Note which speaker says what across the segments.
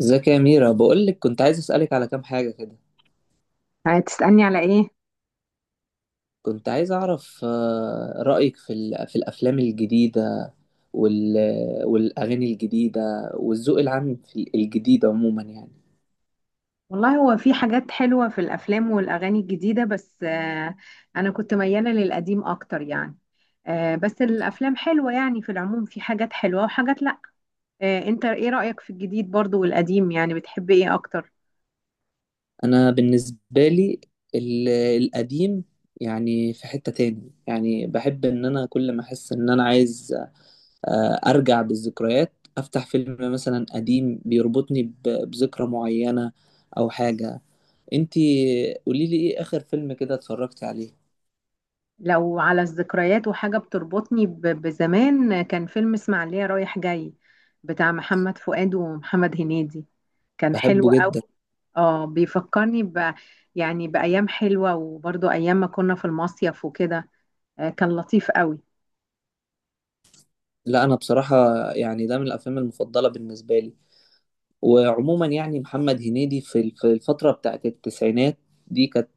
Speaker 1: ازيك يا ميرا، بقولك كنت عايز اسألك على كام حاجة كده.
Speaker 2: هتسألني على ايه؟
Speaker 1: كنت عايز اعرف رأيك في في الافلام الجديدة وال والاغاني الجديدة والذوق العام في الجديد عموما يعني.
Speaker 2: والله، هو في حاجات حلوة في الأفلام والأغاني الجديدة، بس أنا كنت ميالة للقديم أكتر يعني. بس الأفلام حلوة يعني، في العموم في حاجات حلوة وحاجات لأ. أنت ايه رأيك في الجديد برضو والقديم؟ يعني بتحب ايه أكتر؟
Speaker 1: انا بالنسبة لي ال- القديم، يعني في حتة تاني يعني بحب ان انا كل ما احس ان انا عايز ارجع بالذكريات، افتح فيلم مثلا قديم بيربطني بذكرى معينة او حاجة. انتي قولي لي، ايه اخر فيلم كده اتفرجت عليه؟
Speaker 2: لو على الذكريات وحاجة بتربطني بزمان، كان فيلم اسماعيلية رايح جاي بتاع محمد فؤاد ومحمد هنيدي، كان حلو
Speaker 1: بحبه جدا.
Speaker 2: قوي. اه، بيفكرني يعني بأيام حلوة، وبرضو أيام ما كنا في المصيف وكده. كان لطيف قوي.
Speaker 1: لا انا بصراحة يعني ده من الافلام المفضلة بالنسبة لي. وعموما يعني محمد هنيدي في في الفترة بتاعت التسعينات دي كانت،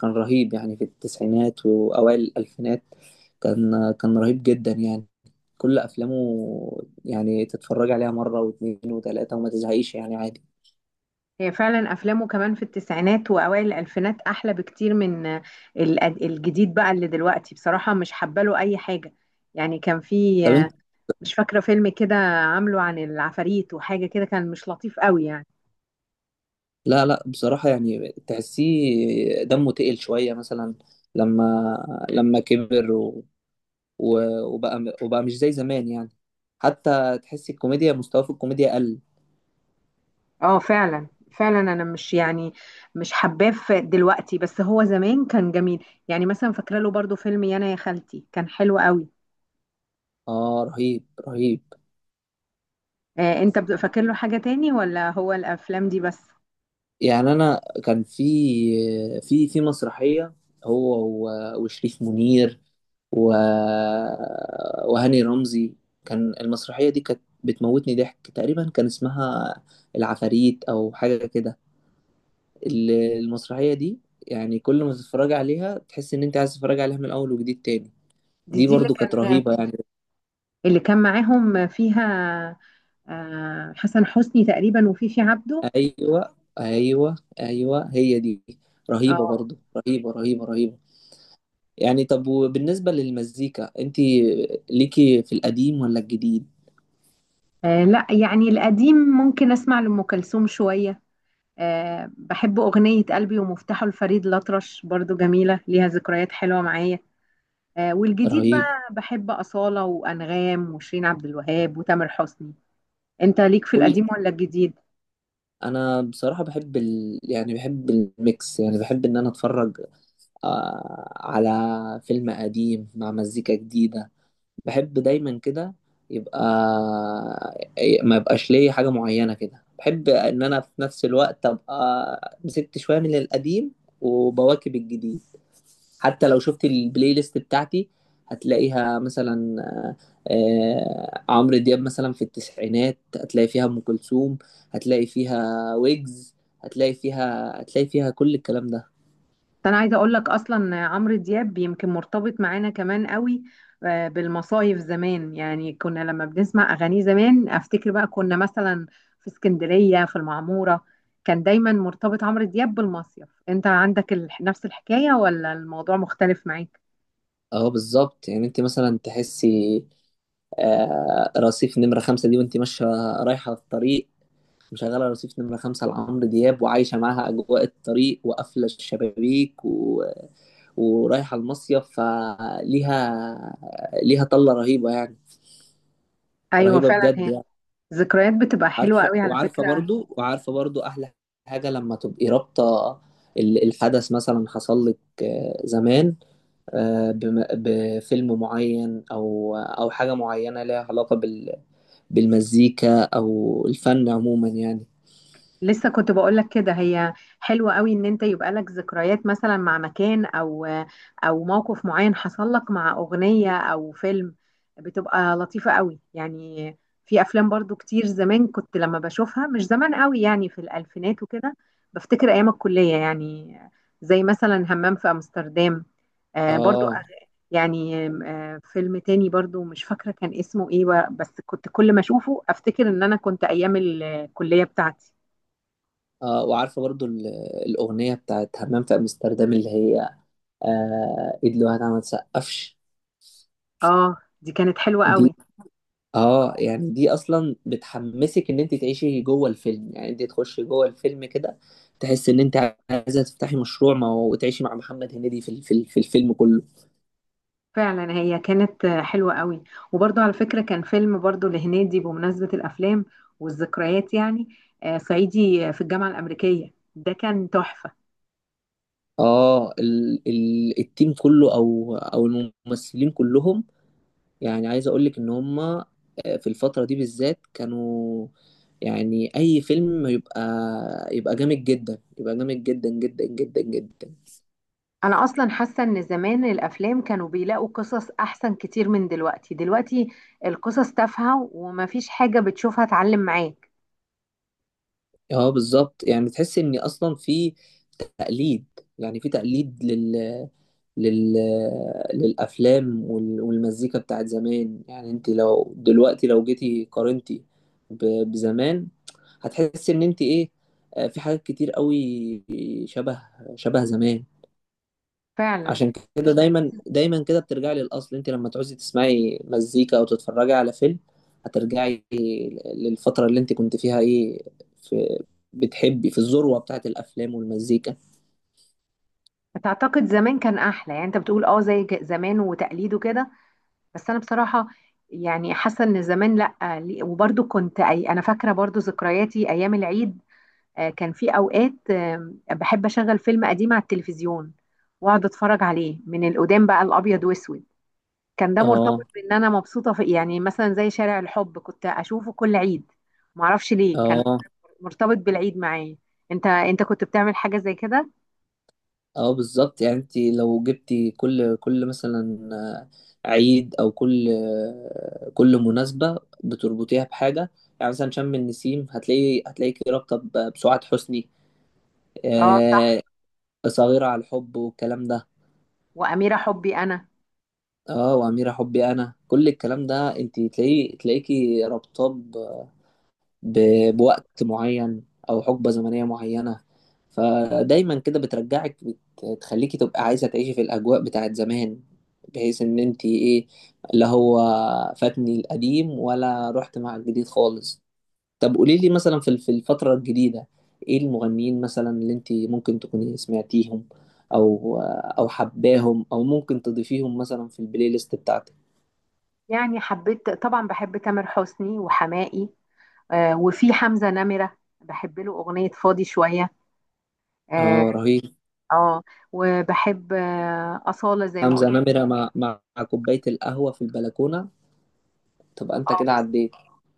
Speaker 1: كان رهيب يعني في التسعينات واوائل الالفينات، كان رهيب جدا يعني. كل افلامه يعني تتفرج عليها مرة واثنين وثلاثة وما تزهقيش يعني عادي.
Speaker 2: هي فعلا أفلامه كمان في التسعينات وأوائل الألفينات أحلى بكتير من الجديد بقى اللي دلوقتي، بصراحة مش حباله أي حاجة. يعني كان في
Speaker 1: طب انت.
Speaker 2: مش فاكرة فيلم كده عامله عن العفاريت وحاجة كده، كان مش لطيف قوي يعني.
Speaker 1: لا، لا بصراحة يعني تحسيه دمه تقل شوية، مثلا لما كبر، وبقى مش زي زمان يعني. حتى تحس الكوميديا، مستواه في الكوميديا قل.
Speaker 2: اه فعلا، فعلا انا مش يعني مش حباه دلوقتي، بس هو زمان كان جميل. يعني مثلا فاكره له برضو فيلم يانا يا خالتي، كان حلو قوي.
Speaker 1: اه رهيب، رهيب.
Speaker 2: آه، انت فاكر له حاجه تاني ولا هو الافلام دي بس؟
Speaker 1: يعني انا كان في، في مسرحية، هو وشريف منير و... وهاني رمزي. كان المسرحية دي كانت بتموتني ضحك تقريبا، كان اسمها العفاريت او حاجة كده. المسرحية دي يعني كل ما تتفرج عليها تحس ان انت عايز تتفرج عليها من الاول وجديد تاني.
Speaker 2: دي
Speaker 1: دي
Speaker 2: دي اللي
Speaker 1: برضو كانت
Speaker 2: كان
Speaker 1: رهيبة يعني.
Speaker 2: اللي كان معاهم فيها آه حسن حسني تقريبا، وفيفي عبده.
Speaker 1: ايوه، ايوه، ايوه هي دي. رهيبه
Speaker 2: اه.
Speaker 1: برضو، رهيبه رهيبه رهيبه. يعني طب، وبالنسبه للمزيكا، انت ليكي في القديم ولا الجديد؟
Speaker 2: لا يعني القديم ممكن اسمع لأم كلثوم شويه. بحب أغنية قلبي ومفتاحه لفريد الأطرش، برضو جميلة ليها ذكريات حلوة معايا. والجديد
Speaker 1: رهيب.
Speaker 2: بقى بحب أصالة وأنغام وشيرين عبد الوهاب وتامر حسني. أنت ليك في
Speaker 1: كل
Speaker 2: القديم ولا الجديد؟
Speaker 1: انا بصراحه بحب يعني بحب الميكس، يعني بحب ان انا اتفرج على فيلم قديم مع مزيكا جديده. بحب دايما كده، يبقى ما يبقاش ليا حاجة معينة كده. بحب ان انا في نفس الوقت ابقى مسكت شوية من القديم، وبواكب الجديد. حتى لو شفت البلاي ليست بتاعتي، هتلاقيها مثلا عمرو دياب مثلا في التسعينات، هتلاقي فيها ام كلثوم، هتلاقي فيها ويجز، هتلاقي فيها كل الكلام ده.
Speaker 2: بس أنا عايزة أقول لك، أصلا عمرو دياب يمكن مرتبط معانا كمان قوي بالمصايف زمان. يعني كنا لما بنسمع أغانيه زمان، أفتكر بقى كنا مثلا في اسكندرية في المعمورة، كان دايما مرتبط عمرو دياب بالمصيف. أنت عندك نفس الحكاية ولا الموضوع مختلف معاك؟
Speaker 1: اه بالظبط. يعني انت مثلا تحسي رصيف نمرة خمسة دي وانت ماشية رايحة في الطريق، مشغلة رصيف نمرة خمسة لعمرو دياب، وعايشة معاها أجواء الطريق وقافلة الشبابيك ورايحة المصيف. فليها، ليها طلة رهيبة يعني،
Speaker 2: ايوه
Speaker 1: رهيبة
Speaker 2: فعلا،
Speaker 1: بجد
Speaker 2: هي
Speaker 1: يعني.
Speaker 2: ذكريات بتبقى حلوه
Speaker 1: عارفة،
Speaker 2: قوي على
Speaker 1: وعارفة
Speaker 2: فكره.
Speaker 1: برضو، وعارفة برضو أحلى حاجة لما تبقي رابطة الحدث مثلا حصل لك زمان، بفيلم معين او حاجه معينه ليها علاقه بالمزيكا او الفن عموما يعني.
Speaker 2: لسه كنت بقول لك كده، هي حلوه قوي ان انت يبقى لك ذكريات مثلا مع مكان او موقف معين حصل لك مع اغنيه او فيلم، بتبقى لطيفه قوي يعني. في افلام برضو كتير زمان كنت لما بشوفها، مش زمان قوي يعني، في الالفينات وكده، بفتكر ايام الكليه يعني. زي مثلا همام في امستردام، برضو.
Speaker 1: اه،
Speaker 2: يعني فيلم تاني برضو مش فاكرة كان اسمه ايه بس كنت كل ما اشوفه افتكر ان انا كنت ايام الكلية بتاعتي.
Speaker 1: اه وعارفه برضو الاغنيه بتاعت همام في امستردام، اللي هي ايد لوحدها ما تسقفش.
Speaker 2: اه دي كانت حلوة
Speaker 1: دي.
Speaker 2: قوي.
Speaker 1: اه يعني دي اصلا بتحمسك ان انت تعيشي جوه الفيلم، يعني انت تخشي جوه الفيلم كده، تحس ان انت عايزه تفتحي مشروع ما وتعيشي مع محمد هنيدي في في في الفيلم كله.
Speaker 2: فعلا هي كانت حلوة قوي. وبرضو على فكرة كان فيلم برضو لهنيدي بمناسبة الافلام والذكريات يعني، صعيدي في الجامعة الامريكية، ده كان تحفة.
Speaker 1: اه، ال ال التيم كله او الممثلين كلهم، يعني عايز اقول لك ان هم في الفتره دي بالذات كانوا، يعني اي فيلم يبقى جامد جدا، يبقى جامد جدا جدا جدا جدا.
Speaker 2: انا اصلا حاسة ان زمان الافلام كانوا بيلاقوا قصص احسن كتير من دلوقتي. دلوقتي القصص تافهة، ومفيش حاجة بتشوفها تعلم معاك.
Speaker 1: اه بالظبط. يعني تحس ان اصلا في تقليد، يعني في تقليد لل... للأفلام والمزيكا بتاعت زمان. يعني انت لو دلوقتي، لو جيتي قارنتي ب... بزمان، هتحس ان انت في حاجات كتير قوي شبه، زمان.
Speaker 2: فعلا.
Speaker 1: عشان كده دايما، دايما كده بترجعي للأصل. انت لما تعوزي تسمعي مزيكا او تتفرجي على فيلم، هترجعي للفترة اللي انت كنت فيها في بتحبي، في الذروة بتاعت الأفلام والمزيكا.
Speaker 2: تعتقد زمان كان احلى؟ يعني انت بتقول اه زي زمان وتقليد وكده، بس انا بصراحه يعني حاسه ان زمان لا، وبرضو كنت انا فاكره برضو ذكرياتي ايام العيد. كان في اوقات بحب اشغل فيلم قديم على التلفزيون، واقعد اتفرج عليه من القدام بقى، الابيض واسود، كان ده مرتبط
Speaker 1: اه،
Speaker 2: بان انا مبسوطه في، يعني مثلا زي شارع الحب كنت اشوفه كل عيد، معرفش ليه كان
Speaker 1: اه،
Speaker 2: مرتبط بالعيد معايا. انت كنت بتعمل حاجه زي كده؟
Speaker 1: اه بالظبط. يعني انت لو جبتي كل مثلا عيد او كل كل مناسبة بتربطيها بحاجة. يعني مثلا شم النسيم هتلاقيكي رابطة بسعاد حسني،
Speaker 2: اه صح.
Speaker 1: آه، صغيرة على الحب والكلام ده.
Speaker 2: واميره حبي انا.
Speaker 1: اه، وأميرة حبي انا، كل الكلام ده انت تلاقيكي رابطة بوقت معين او حقبة زمنية معينة. فدايما كده بترجعك، بتخليكي تبقى عايزة تعيشي في الاجواء بتاعت زمان، بحيث ان انتي اللي هو فاتني القديم ولا رحت مع الجديد خالص. طب قولي لي، مثلا في الفترة الجديدة، ايه المغنيين مثلا اللي انتي ممكن تكوني سمعتيهم، او او حباهم، او ممكن تضيفيهم مثلا في البلاي ليست بتاعتك؟
Speaker 2: يعني حبيت طبعا، بحب تامر حسني وحماقي، وفي حمزة نمرة بحب له أغنية فاضي شوية. اه.
Speaker 1: اه رهيب.
Speaker 2: آه وبحب أصالة زي ما
Speaker 1: حمزة
Speaker 2: قلت.
Speaker 1: نمرة مع كوباية القهوة في البلكونة، تبقى انت
Speaker 2: اه،
Speaker 1: كده عديت.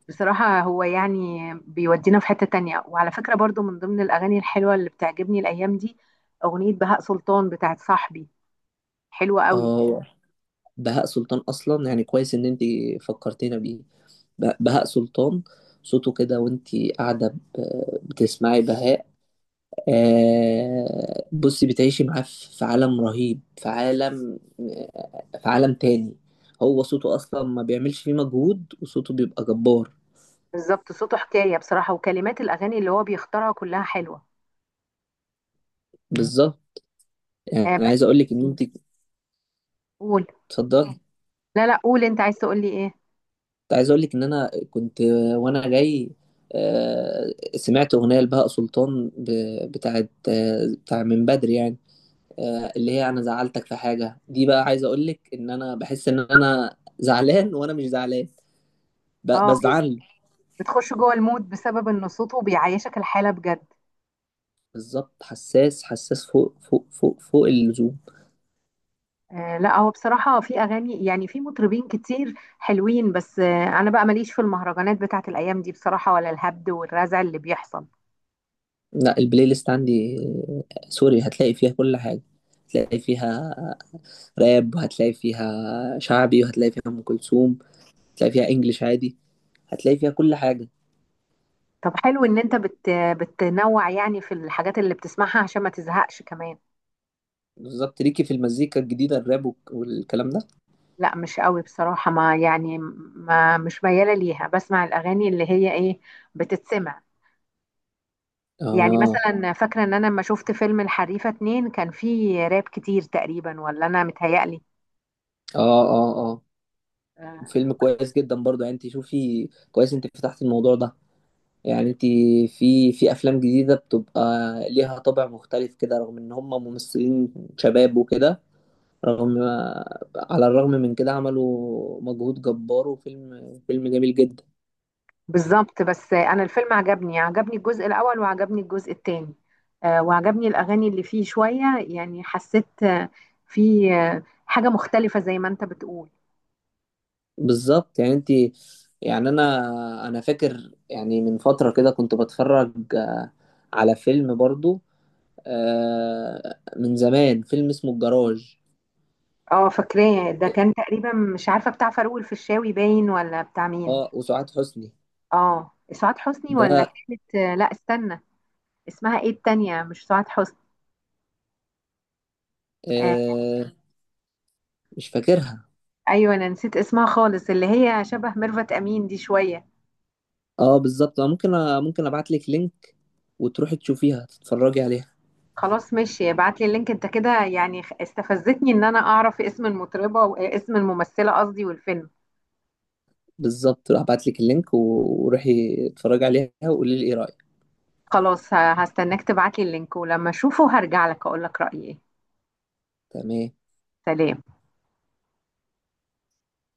Speaker 2: بصراحة هو يعني بيودينا في حتة تانية. وعلى فكرة برضو، من ضمن الأغاني الحلوة اللي بتعجبني الأيام دي أغنية بهاء سلطان بتاعت صاحبي، حلوة قوي.
Speaker 1: اه. بهاء سلطان اصلا، يعني كويس ان انت فكرتينا بيه، بهاء سلطان. صوته كده وانت قاعده بتسمعي بهاء، بصي بتعيشي معاه في عالم رهيب، في عالم، في عالم تاني. هو صوته اصلا ما بيعملش فيه مجهود، وصوته بيبقى جبار.
Speaker 2: بالظبط، صوته حكاية بصراحة، وكلمات الأغاني اللي هو بيختارها كلها حلوة.
Speaker 1: بالظبط. يعني
Speaker 2: بس
Speaker 1: عايز اقول لك ان انت.
Speaker 2: قول.
Speaker 1: اتفضلي.
Speaker 2: لا لا، قول أنت عايز تقول لي إيه.
Speaker 1: كنت عايز اقول لك ان انا كنت وانا جاي آه، سمعت اغنيه لبهاء سلطان بتاعت بتاع من بدري يعني، اللي هي انا زعلتك في حاجه. دي بقى، عايز اقول لك ان انا بحس ان انا زعلان وانا مش زعلان
Speaker 2: اه،
Speaker 1: بزعل.
Speaker 2: بتخش جوه المود بسبب ان صوته بيعيشك الحاله بجد.
Speaker 1: بالظبط. حساس، حساس فوق، فوق، فوق، فوق اللزوم.
Speaker 2: لا، هو بصراحه في اغاني يعني، في مطربين كتير حلوين، بس انا بقى ماليش في المهرجانات بتاعت الايام دي بصراحه، ولا الهبد والرزع اللي بيحصل.
Speaker 1: لا البلاي ليست عندي سوري هتلاقي فيها كل حاجه. هتلاقي فيها راب، وهتلاقي فيها شعبي، وهتلاقي فيها ام كلثوم، هتلاقي فيها انجليش عادي، هتلاقي فيها كل حاجة.
Speaker 2: طب حلو ان انت بتنوع يعني في الحاجات اللي بتسمعها عشان ما تزهقش كمان.
Speaker 1: بالظبط. ليكي في المزيكا الجديدة، الراب والكلام ده؟
Speaker 2: لا مش قوي بصراحه، ما يعني، ما مش مياله ليها، بسمع الاغاني اللي هي ايه، بتتسمع. يعني
Speaker 1: اه،
Speaker 2: مثلا فاكره ان انا لما شفت فيلم الحريفه 2 كان فيه راب كتير تقريبا، ولا انا متهيألي؟
Speaker 1: اه، اه. اه
Speaker 2: آه،
Speaker 1: فيلم كويس جدا برضه، يعني انت شوفي كويس، انت فتحت الموضوع ده. يعني انت في افلام جديدة بتبقى ليها طابع مختلف كده، رغم ان هم ممثلين شباب وكده، رغم على الرغم من كده عملوا مجهود جبار، فيلم جميل جدا.
Speaker 2: بالظبط. بس انا الفيلم عجبني الجزء الاول، وعجبني الجزء الثاني، وعجبني الاغاني اللي فيه شويه، يعني حسيت في حاجه مختلفه زي ما انت بتقول.
Speaker 1: بالظبط. يعني انت، يعني انا فاكر، يعني من فترة كده كنت بتفرج على فيلم برضو من زمان، فيلم اسمه الجراج.
Speaker 2: اه فاكراه، ده كان تقريبا مش عارفه، بتاع فاروق الفيشاوي باين ولا بتاع مين.
Speaker 1: اه وسعاد حسني.
Speaker 2: اه سعاد حسني،
Speaker 1: ده.
Speaker 2: ولا كانت لا استنى، اسمها ايه التانية؟ مش سعاد حسني. آه.
Speaker 1: آه مش فاكرها.
Speaker 2: ايوه انا نسيت اسمها خالص، اللي هي شبه ميرفت امين دي شويه.
Speaker 1: اه بالظبط. ممكن ابعت لك لينك، وتروحي تشوفيها، تتفرجي عليها.
Speaker 2: خلاص ماشي، ابعت لي اللينك، انت كده يعني استفزتني ان انا اعرف اسم المطربة واسم الممثلة قصدي، والفيلم.
Speaker 1: بالظبط. هبعت لك اللينك، وروحي اتفرجي عليها، وقولي لي ايه رأيك.
Speaker 2: خلاص، هستناك تبعت لي اللينك، ولما اشوفه هرجع لك اقول لك رأيي ايه.
Speaker 1: تمام.
Speaker 2: سلام.